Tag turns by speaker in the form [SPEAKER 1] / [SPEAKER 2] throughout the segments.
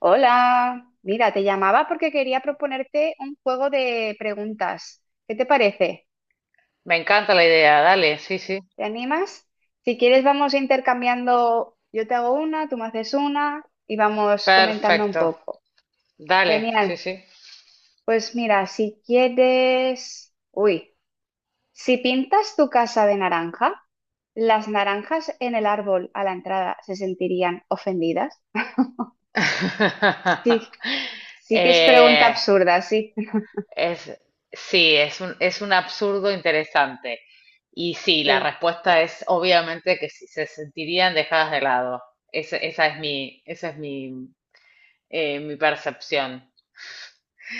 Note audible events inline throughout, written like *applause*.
[SPEAKER 1] Hola, mira, te llamaba porque quería proponerte un juego de preguntas. ¿Qué te parece?
[SPEAKER 2] Me encanta la idea, dale, sí, sí.
[SPEAKER 1] ¿Te animas? Si quieres, vamos intercambiando. Yo te hago una, tú me haces una y vamos comentando un
[SPEAKER 2] Perfecto,
[SPEAKER 1] poco.
[SPEAKER 2] dale, sí,
[SPEAKER 1] Genial.
[SPEAKER 2] sí.
[SPEAKER 1] Pues mira, si quieres, uy, si pintas tu casa de naranja, ¿las naranjas en el árbol a la entrada se sentirían ofendidas? Sí,
[SPEAKER 2] *laughs*
[SPEAKER 1] sí que es pregunta
[SPEAKER 2] Eh,
[SPEAKER 1] absurda, sí.
[SPEAKER 2] es, sí, es un absurdo interesante. Y sí, la
[SPEAKER 1] *laughs*
[SPEAKER 2] respuesta es obviamente que sí, se sentirían dejadas de lado. Esa es mi, mi percepción.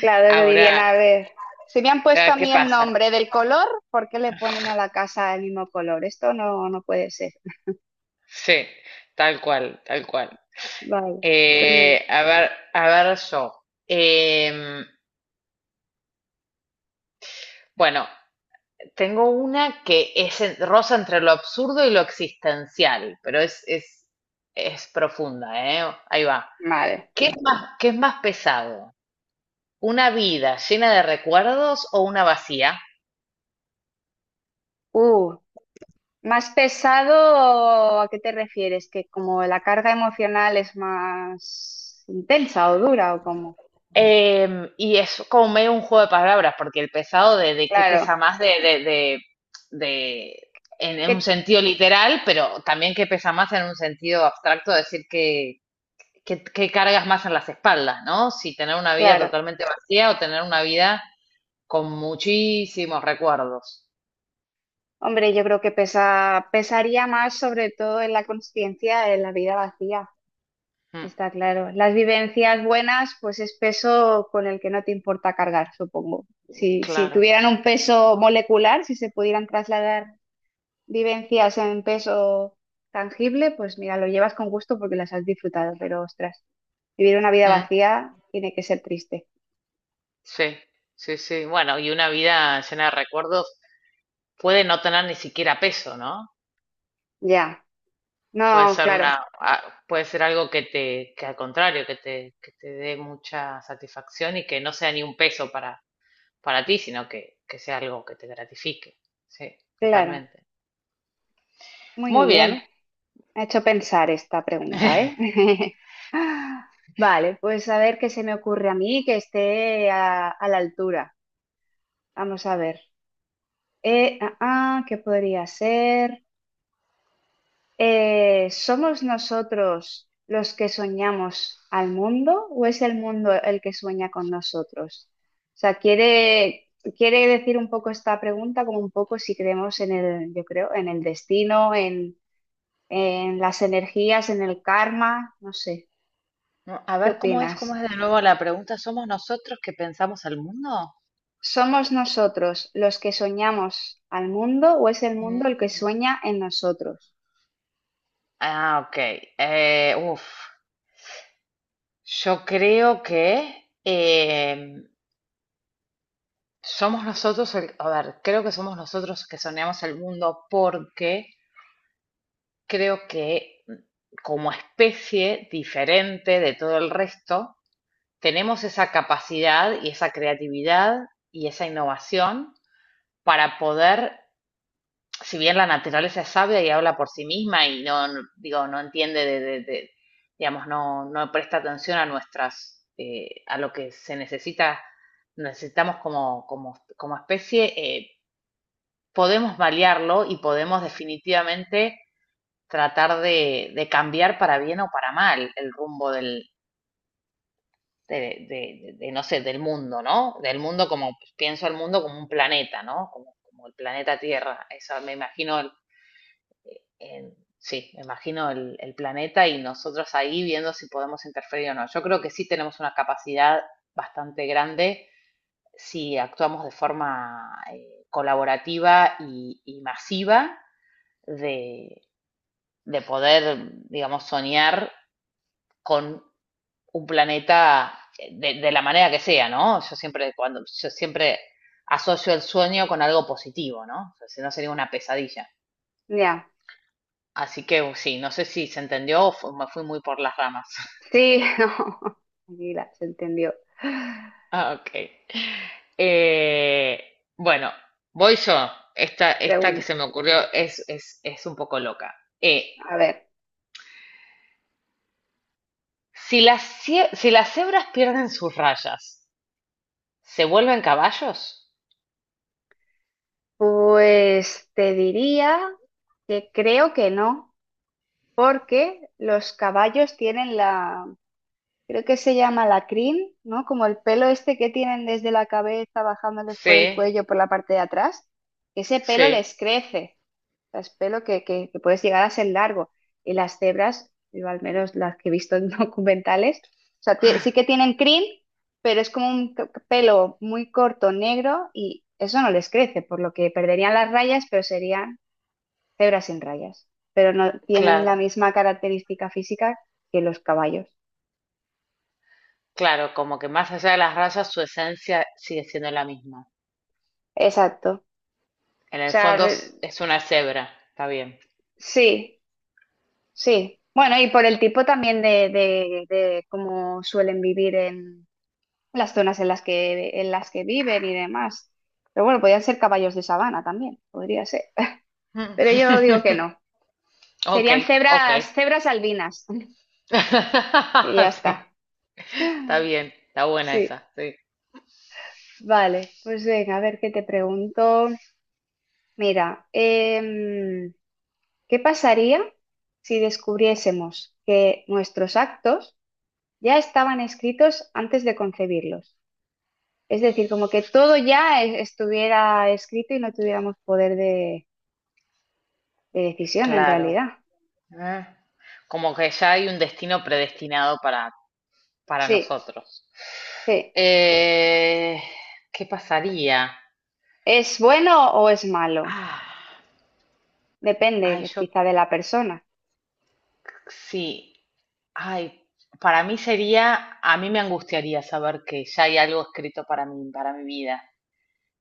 [SPEAKER 1] Claro, lo dirían,
[SPEAKER 2] Ahora, a
[SPEAKER 1] a ver, si me han puesto
[SPEAKER 2] ver
[SPEAKER 1] a
[SPEAKER 2] qué
[SPEAKER 1] mí el
[SPEAKER 2] pasa.
[SPEAKER 1] nombre del color, ¿por qué le ponen a la casa el mismo color? Esto no, no puede ser.
[SPEAKER 2] Sí, tal cual, tal cual.
[SPEAKER 1] Vale, pues, no.
[SPEAKER 2] A ver, a ver yo. Em, bueno, Tengo una que roza entre lo absurdo y lo existencial, pero es profunda, ¿eh? Ahí va.
[SPEAKER 1] Vale.
[SPEAKER 2] Qué es más pesado? ¿Una vida llena de recuerdos o una vacía?
[SPEAKER 1] Uh, Más pesado, ¿a qué te refieres? ¿Que como la carga emocional es más intensa o dura o cómo?
[SPEAKER 2] Y es como medio un juego de palabras, porque el pesado de qué
[SPEAKER 1] Claro,
[SPEAKER 2] pesa más de- en un
[SPEAKER 1] que,
[SPEAKER 2] sentido literal, pero también qué pesa más en un sentido abstracto, decir que cargas más en las espaldas, ¿no? Si tener una vida
[SPEAKER 1] claro.
[SPEAKER 2] totalmente vacía o tener una vida con muchísimos recuerdos.
[SPEAKER 1] Hombre, yo creo que pesaría más sobre todo en la consciencia, en la vida vacía.
[SPEAKER 2] Mm,
[SPEAKER 1] Está claro. Las vivencias buenas, pues es peso con el que no te importa cargar, supongo. Si
[SPEAKER 2] claro.
[SPEAKER 1] tuvieran un peso molecular, si se pudieran trasladar vivencias en peso tangible, pues mira, lo llevas con gusto porque las has disfrutado, pero ostras, vivir una vida
[SPEAKER 2] Mm,
[SPEAKER 1] vacía tiene que ser triste.
[SPEAKER 2] sí, sí, sí. Bueno, y una vida llena de recuerdos puede no tener ni siquiera peso, ¿no?
[SPEAKER 1] Ya.
[SPEAKER 2] Puede
[SPEAKER 1] No,
[SPEAKER 2] ser
[SPEAKER 1] claro,
[SPEAKER 2] puede ser algo que que al contrario, que te dé mucha satisfacción y que no sea ni un peso para ti, sino que sea algo que te gratifique. Sí,
[SPEAKER 1] claro.
[SPEAKER 2] totalmente.
[SPEAKER 1] Muy
[SPEAKER 2] Muy
[SPEAKER 1] bien.
[SPEAKER 2] bien.
[SPEAKER 1] Me ha hecho pensar esta pregunta, ¿eh?
[SPEAKER 2] *laughs*
[SPEAKER 1] *laughs* Vale, pues a ver qué se me ocurre a mí que esté a la altura. Vamos a ver. ¿Qué podría ser? ¿Somos nosotros los que soñamos al mundo o es el mundo el que sueña con nosotros? O sea, quiere decir un poco esta pregunta como un poco si creemos yo creo, en el destino, en las energías, en el karma, no sé.
[SPEAKER 2] No, a
[SPEAKER 1] ¿Qué
[SPEAKER 2] ver cómo
[SPEAKER 1] opinas?
[SPEAKER 2] es de nuevo la pregunta. ¿Somos nosotros que pensamos al mundo?
[SPEAKER 1] ¿Somos nosotros los que soñamos al mundo o es el mundo el que
[SPEAKER 2] Mm.
[SPEAKER 1] sueña en nosotros?
[SPEAKER 2] Ah, ok. Uf, yo creo que somos nosotros, a ver, creo que somos nosotros que soñamos el mundo porque creo que como especie diferente de todo el resto, tenemos esa capacidad y esa creatividad y esa innovación para poder si bien la naturaleza es sabia y habla por sí misma y digo, no entiende digamos, no, no presta atención a nuestras, a lo que se necesita, necesitamos como especie, podemos variarlo y podemos definitivamente tratar de cambiar para bien o para mal el rumbo del, de, no sé, del mundo, ¿no? Del mundo como, pienso el mundo como un planeta, ¿no? Como el planeta Tierra, eso me imagino sí, imagino el planeta y nosotros ahí viendo si podemos interferir o no. Yo creo que sí tenemos una capacidad bastante grande si actuamos de forma colaborativa y masiva de, de poder, digamos, soñar con un planeta de la manera que sea, ¿no? Yo siempre, cuando, yo siempre asocio el sueño con algo positivo, ¿no? O sea, si no sería una pesadilla.
[SPEAKER 1] Ya.
[SPEAKER 2] Así que sí, no sé si se entendió o me fui muy por las ramas. *laughs*
[SPEAKER 1] Sí, *laughs* no, tranquila, se entendió.
[SPEAKER 2] Ah, ok. Bueno, voy yo. Esta que
[SPEAKER 1] Pregunta,
[SPEAKER 2] se me ocurrió es un poco loca. Eh,
[SPEAKER 1] a ver,
[SPEAKER 2] si si las cebras pierden sus rayas, ¿se vuelven caballos?
[SPEAKER 1] pues te diría que creo que no, porque los caballos tienen la, creo que se llama la crin, ¿no? Como el pelo este que tienen desde la cabeza bajándoles
[SPEAKER 2] Sí,
[SPEAKER 1] por el cuello, por la parte de atrás, ese pelo les
[SPEAKER 2] sí.
[SPEAKER 1] crece. Sea, es pelo que puedes llegar a ser largo. Y las cebras, yo al menos las que he visto en *laughs* documentales, o sea, sí que tienen crin, pero es como un pelo muy corto, negro, y eso no les crece, por lo que perderían las rayas, pero serían cebras sin rayas. Pero no tienen
[SPEAKER 2] Claro,
[SPEAKER 1] la misma característica física que los caballos.
[SPEAKER 2] claro, como que más allá de las rayas, su esencia sigue siendo la misma.
[SPEAKER 1] Exacto. O
[SPEAKER 2] En el
[SPEAKER 1] sea,
[SPEAKER 2] fondo es una cebra, está bien.
[SPEAKER 1] sí, sí. Bueno, y por el tipo también de cómo suelen vivir en las zonas en las que viven y demás. Pero bueno, podrían ser caballos de sabana también, podría ser. *laughs* Pero yo digo que
[SPEAKER 2] *laughs*
[SPEAKER 1] no.
[SPEAKER 2] Ok,
[SPEAKER 1] Serían
[SPEAKER 2] ok.
[SPEAKER 1] cebras, cebras albinas. *laughs* Y ya
[SPEAKER 2] *laughs*
[SPEAKER 1] está.
[SPEAKER 2] Sí, está bien, está buena
[SPEAKER 1] Sí.
[SPEAKER 2] esa, sí.
[SPEAKER 1] Vale, pues venga, a ver qué te pregunto. Mira, ¿qué pasaría si descubriésemos que nuestros actos ya estaban escritos antes de concebirlos? Es decir, como que todo ya estuviera escrito y no tuviéramos poder de decisión en
[SPEAKER 2] Claro.
[SPEAKER 1] realidad.
[SPEAKER 2] Ah, como que ya hay un destino predestinado para
[SPEAKER 1] Sí,
[SPEAKER 2] nosotros.
[SPEAKER 1] sí.
[SPEAKER 2] Eh, ¿Qué pasaría?
[SPEAKER 1] ¿Es bueno o es malo?
[SPEAKER 2] Ah,
[SPEAKER 1] Depende
[SPEAKER 2] ay, yo
[SPEAKER 1] quizá de la persona.
[SPEAKER 2] sí. Ay, para mí sería, a mí me angustiaría saber que ya hay algo escrito para mí, para mi vida,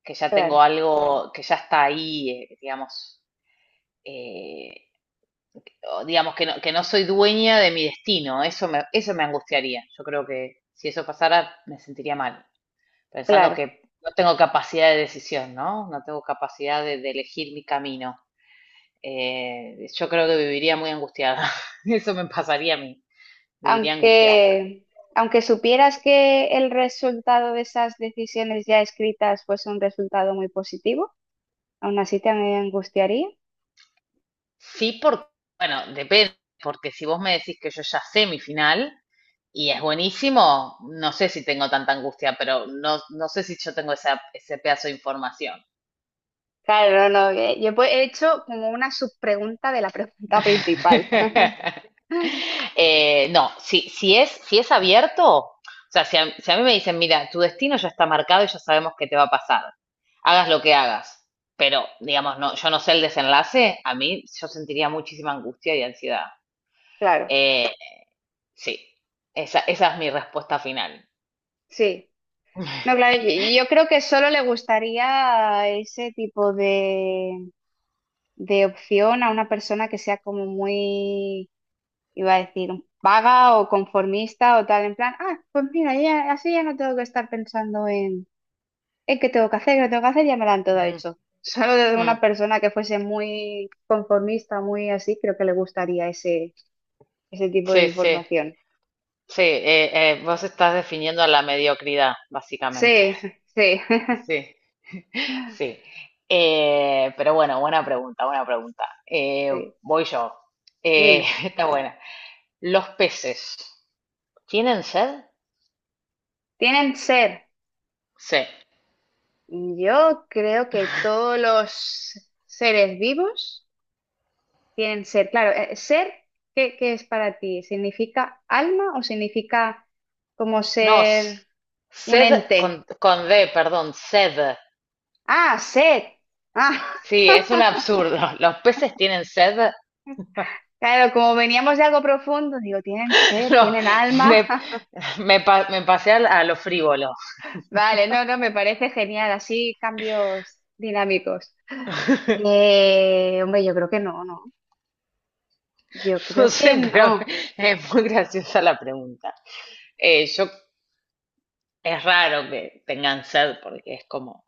[SPEAKER 2] que ya
[SPEAKER 1] Claro,
[SPEAKER 2] tengo algo, que ya está ahí, digamos, eh, o digamos, que no soy dueña de mi destino. Eso me angustiaría. Yo creo que si eso pasara, me sentiría mal. Pensando
[SPEAKER 1] claro.
[SPEAKER 2] que no tengo capacidad de decisión, ¿no? No tengo capacidad de elegir mi camino. Yo creo que viviría muy angustiada. *laughs* Eso me pasaría a mí. Viviría angustiada.
[SPEAKER 1] Aunque, aunque supieras que el resultado de esas decisiones ya escritas fuese un resultado muy positivo, aún así te angustiaría.
[SPEAKER 2] Sí, porque, bueno, depende. Porque si vos me decís que yo ya sé mi final y es buenísimo, no sé si tengo tanta angustia, pero no, no sé si yo tengo esa, ese pedazo de información.
[SPEAKER 1] Claro, no, no. Yo pues he hecho como una subpregunta de la pregunta principal.
[SPEAKER 2] *laughs*
[SPEAKER 1] *laughs*
[SPEAKER 2] No, si es, si es abierto, o sea, si a mí me dicen, mira, tu destino ya está marcado y ya sabemos qué te va a pasar, hagas lo que hagas, pero digamos, no, yo no sé el desenlace, a mí yo sentiría muchísima angustia y ansiedad.
[SPEAKER 1] Claro,
[SPEAKER 2] Eh, sí, esa es mi respuesta final.
[SPEAKER 1] sí. No, claro, y yo creo que solo le gustaría ese tipo de opción a una persona que sea como muy, iba a decir, vaga o conformista o tal, en plan, ah, pues mira, así ya no tengo que estar pensando en qué tengo que hacer, qué no tengo que hacer, ya me lo han todo
[SPEAKER 2] Ujú,
[SPEAKER 1] hecho. *laughs* Solo de una
[SPEAKER 2] mm,
[SPEAKER 1] persona que fuese muy conformista, muy así, creo que le gustaría ese tipo de
[SPEAKER 2] sí, sí,
[SPEAKER 1] información.
[SPEAKER 2] sí, vos estás definiendo la mediocridad, básicamente.
[SPEAKER 1] Sí, sí,
[SPEAKER 2] *laughs*
[SPEAKER 1] *laughs*
[SPEAKER 2] Sí. Sí, pero bueno, buena pregunta, buena pregunta.
[SPEAKER 1] sí.
[SPEAKER 2] Voy yo.
[SPEAKER 1] Dime,
[SPEAKER 2] *laughs* Está buena. ¿Los peces tienen sed?
[SPEAKER 1] ¿tienen ser?
[SPEAKER 2] Sí.
[SPEAKER 1] Yo creo que todos los seres vivos tienen ser, claro. ¿Ser qué es para ti? ¿Significa alma o significa como
[SPEAKER 2] No, s-
[SPEAKER 1] ser un
[SPEAKER 2] sed
[SPEAKER 1] ente?
[SPEAKER 2] con D, perdón, sed.
[SPEAKER 1] Ah, ser. Ah,
[SPEAKER 2] Sí, es un absurdo. *laughs* ¿Los peces tienen sed? *laughs*
[SPEAKER 1] *laughs* claro, como veníamos de algo profundo, digo, tienen ser,
[SPEAKER 2] No,
[SPEAKER 1] tienen alma.
[SPEAKER 2] me,
[SPEAKER 1] *laughs*
[SPEAKER 2] me pasé a lo frívolo.
[SPEAKER 1] Vale, no, no, me parece genial, así cambios dinámicos.
[SPEAKER 2] *laughs*
[SPEAKER 1] Hombre, yo creo que no, no. Yo
[SPEAKER 2] No
[SPEAKER 1] creo que
[SPEAKER 2] sé, pero *laughs*
[SPEAKER 1] no.
[SPEAKER 2] es muy graciosa la pregunta. Eh, yo, es raro que tengan sed porque es como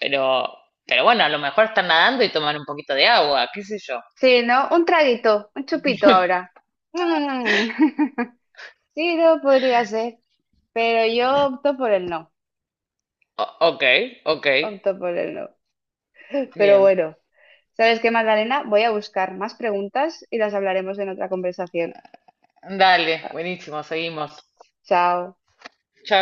[SPEAKER 2] Pero, pero bueno, a lo mejor están nadando y toman un poquito de agua, qué sé yo.
[SPEAKER 1] Sí, ¿no? Un traguito, un chupito ahora. Mm. *laughs* Sí, no podría ser, pero yo opto por el no,
[SPEAKER 2] Ok, ok,
[SPEAKER 1] opto por el no. Pero
[SPEAKER 2] bien.
[SPEAKER 1] bueno, ¿sabes qué, Magdalena? Voy a buscar más preguntas y las hablaremos en otra conversación.
[SPEAKER 2] Dale,
[SPEAKER 1] Ah,
[SPEAKER 2] buenísimo, seguimos.
[SPEAKER 1] chao.
[SPEAKER 2] Chao.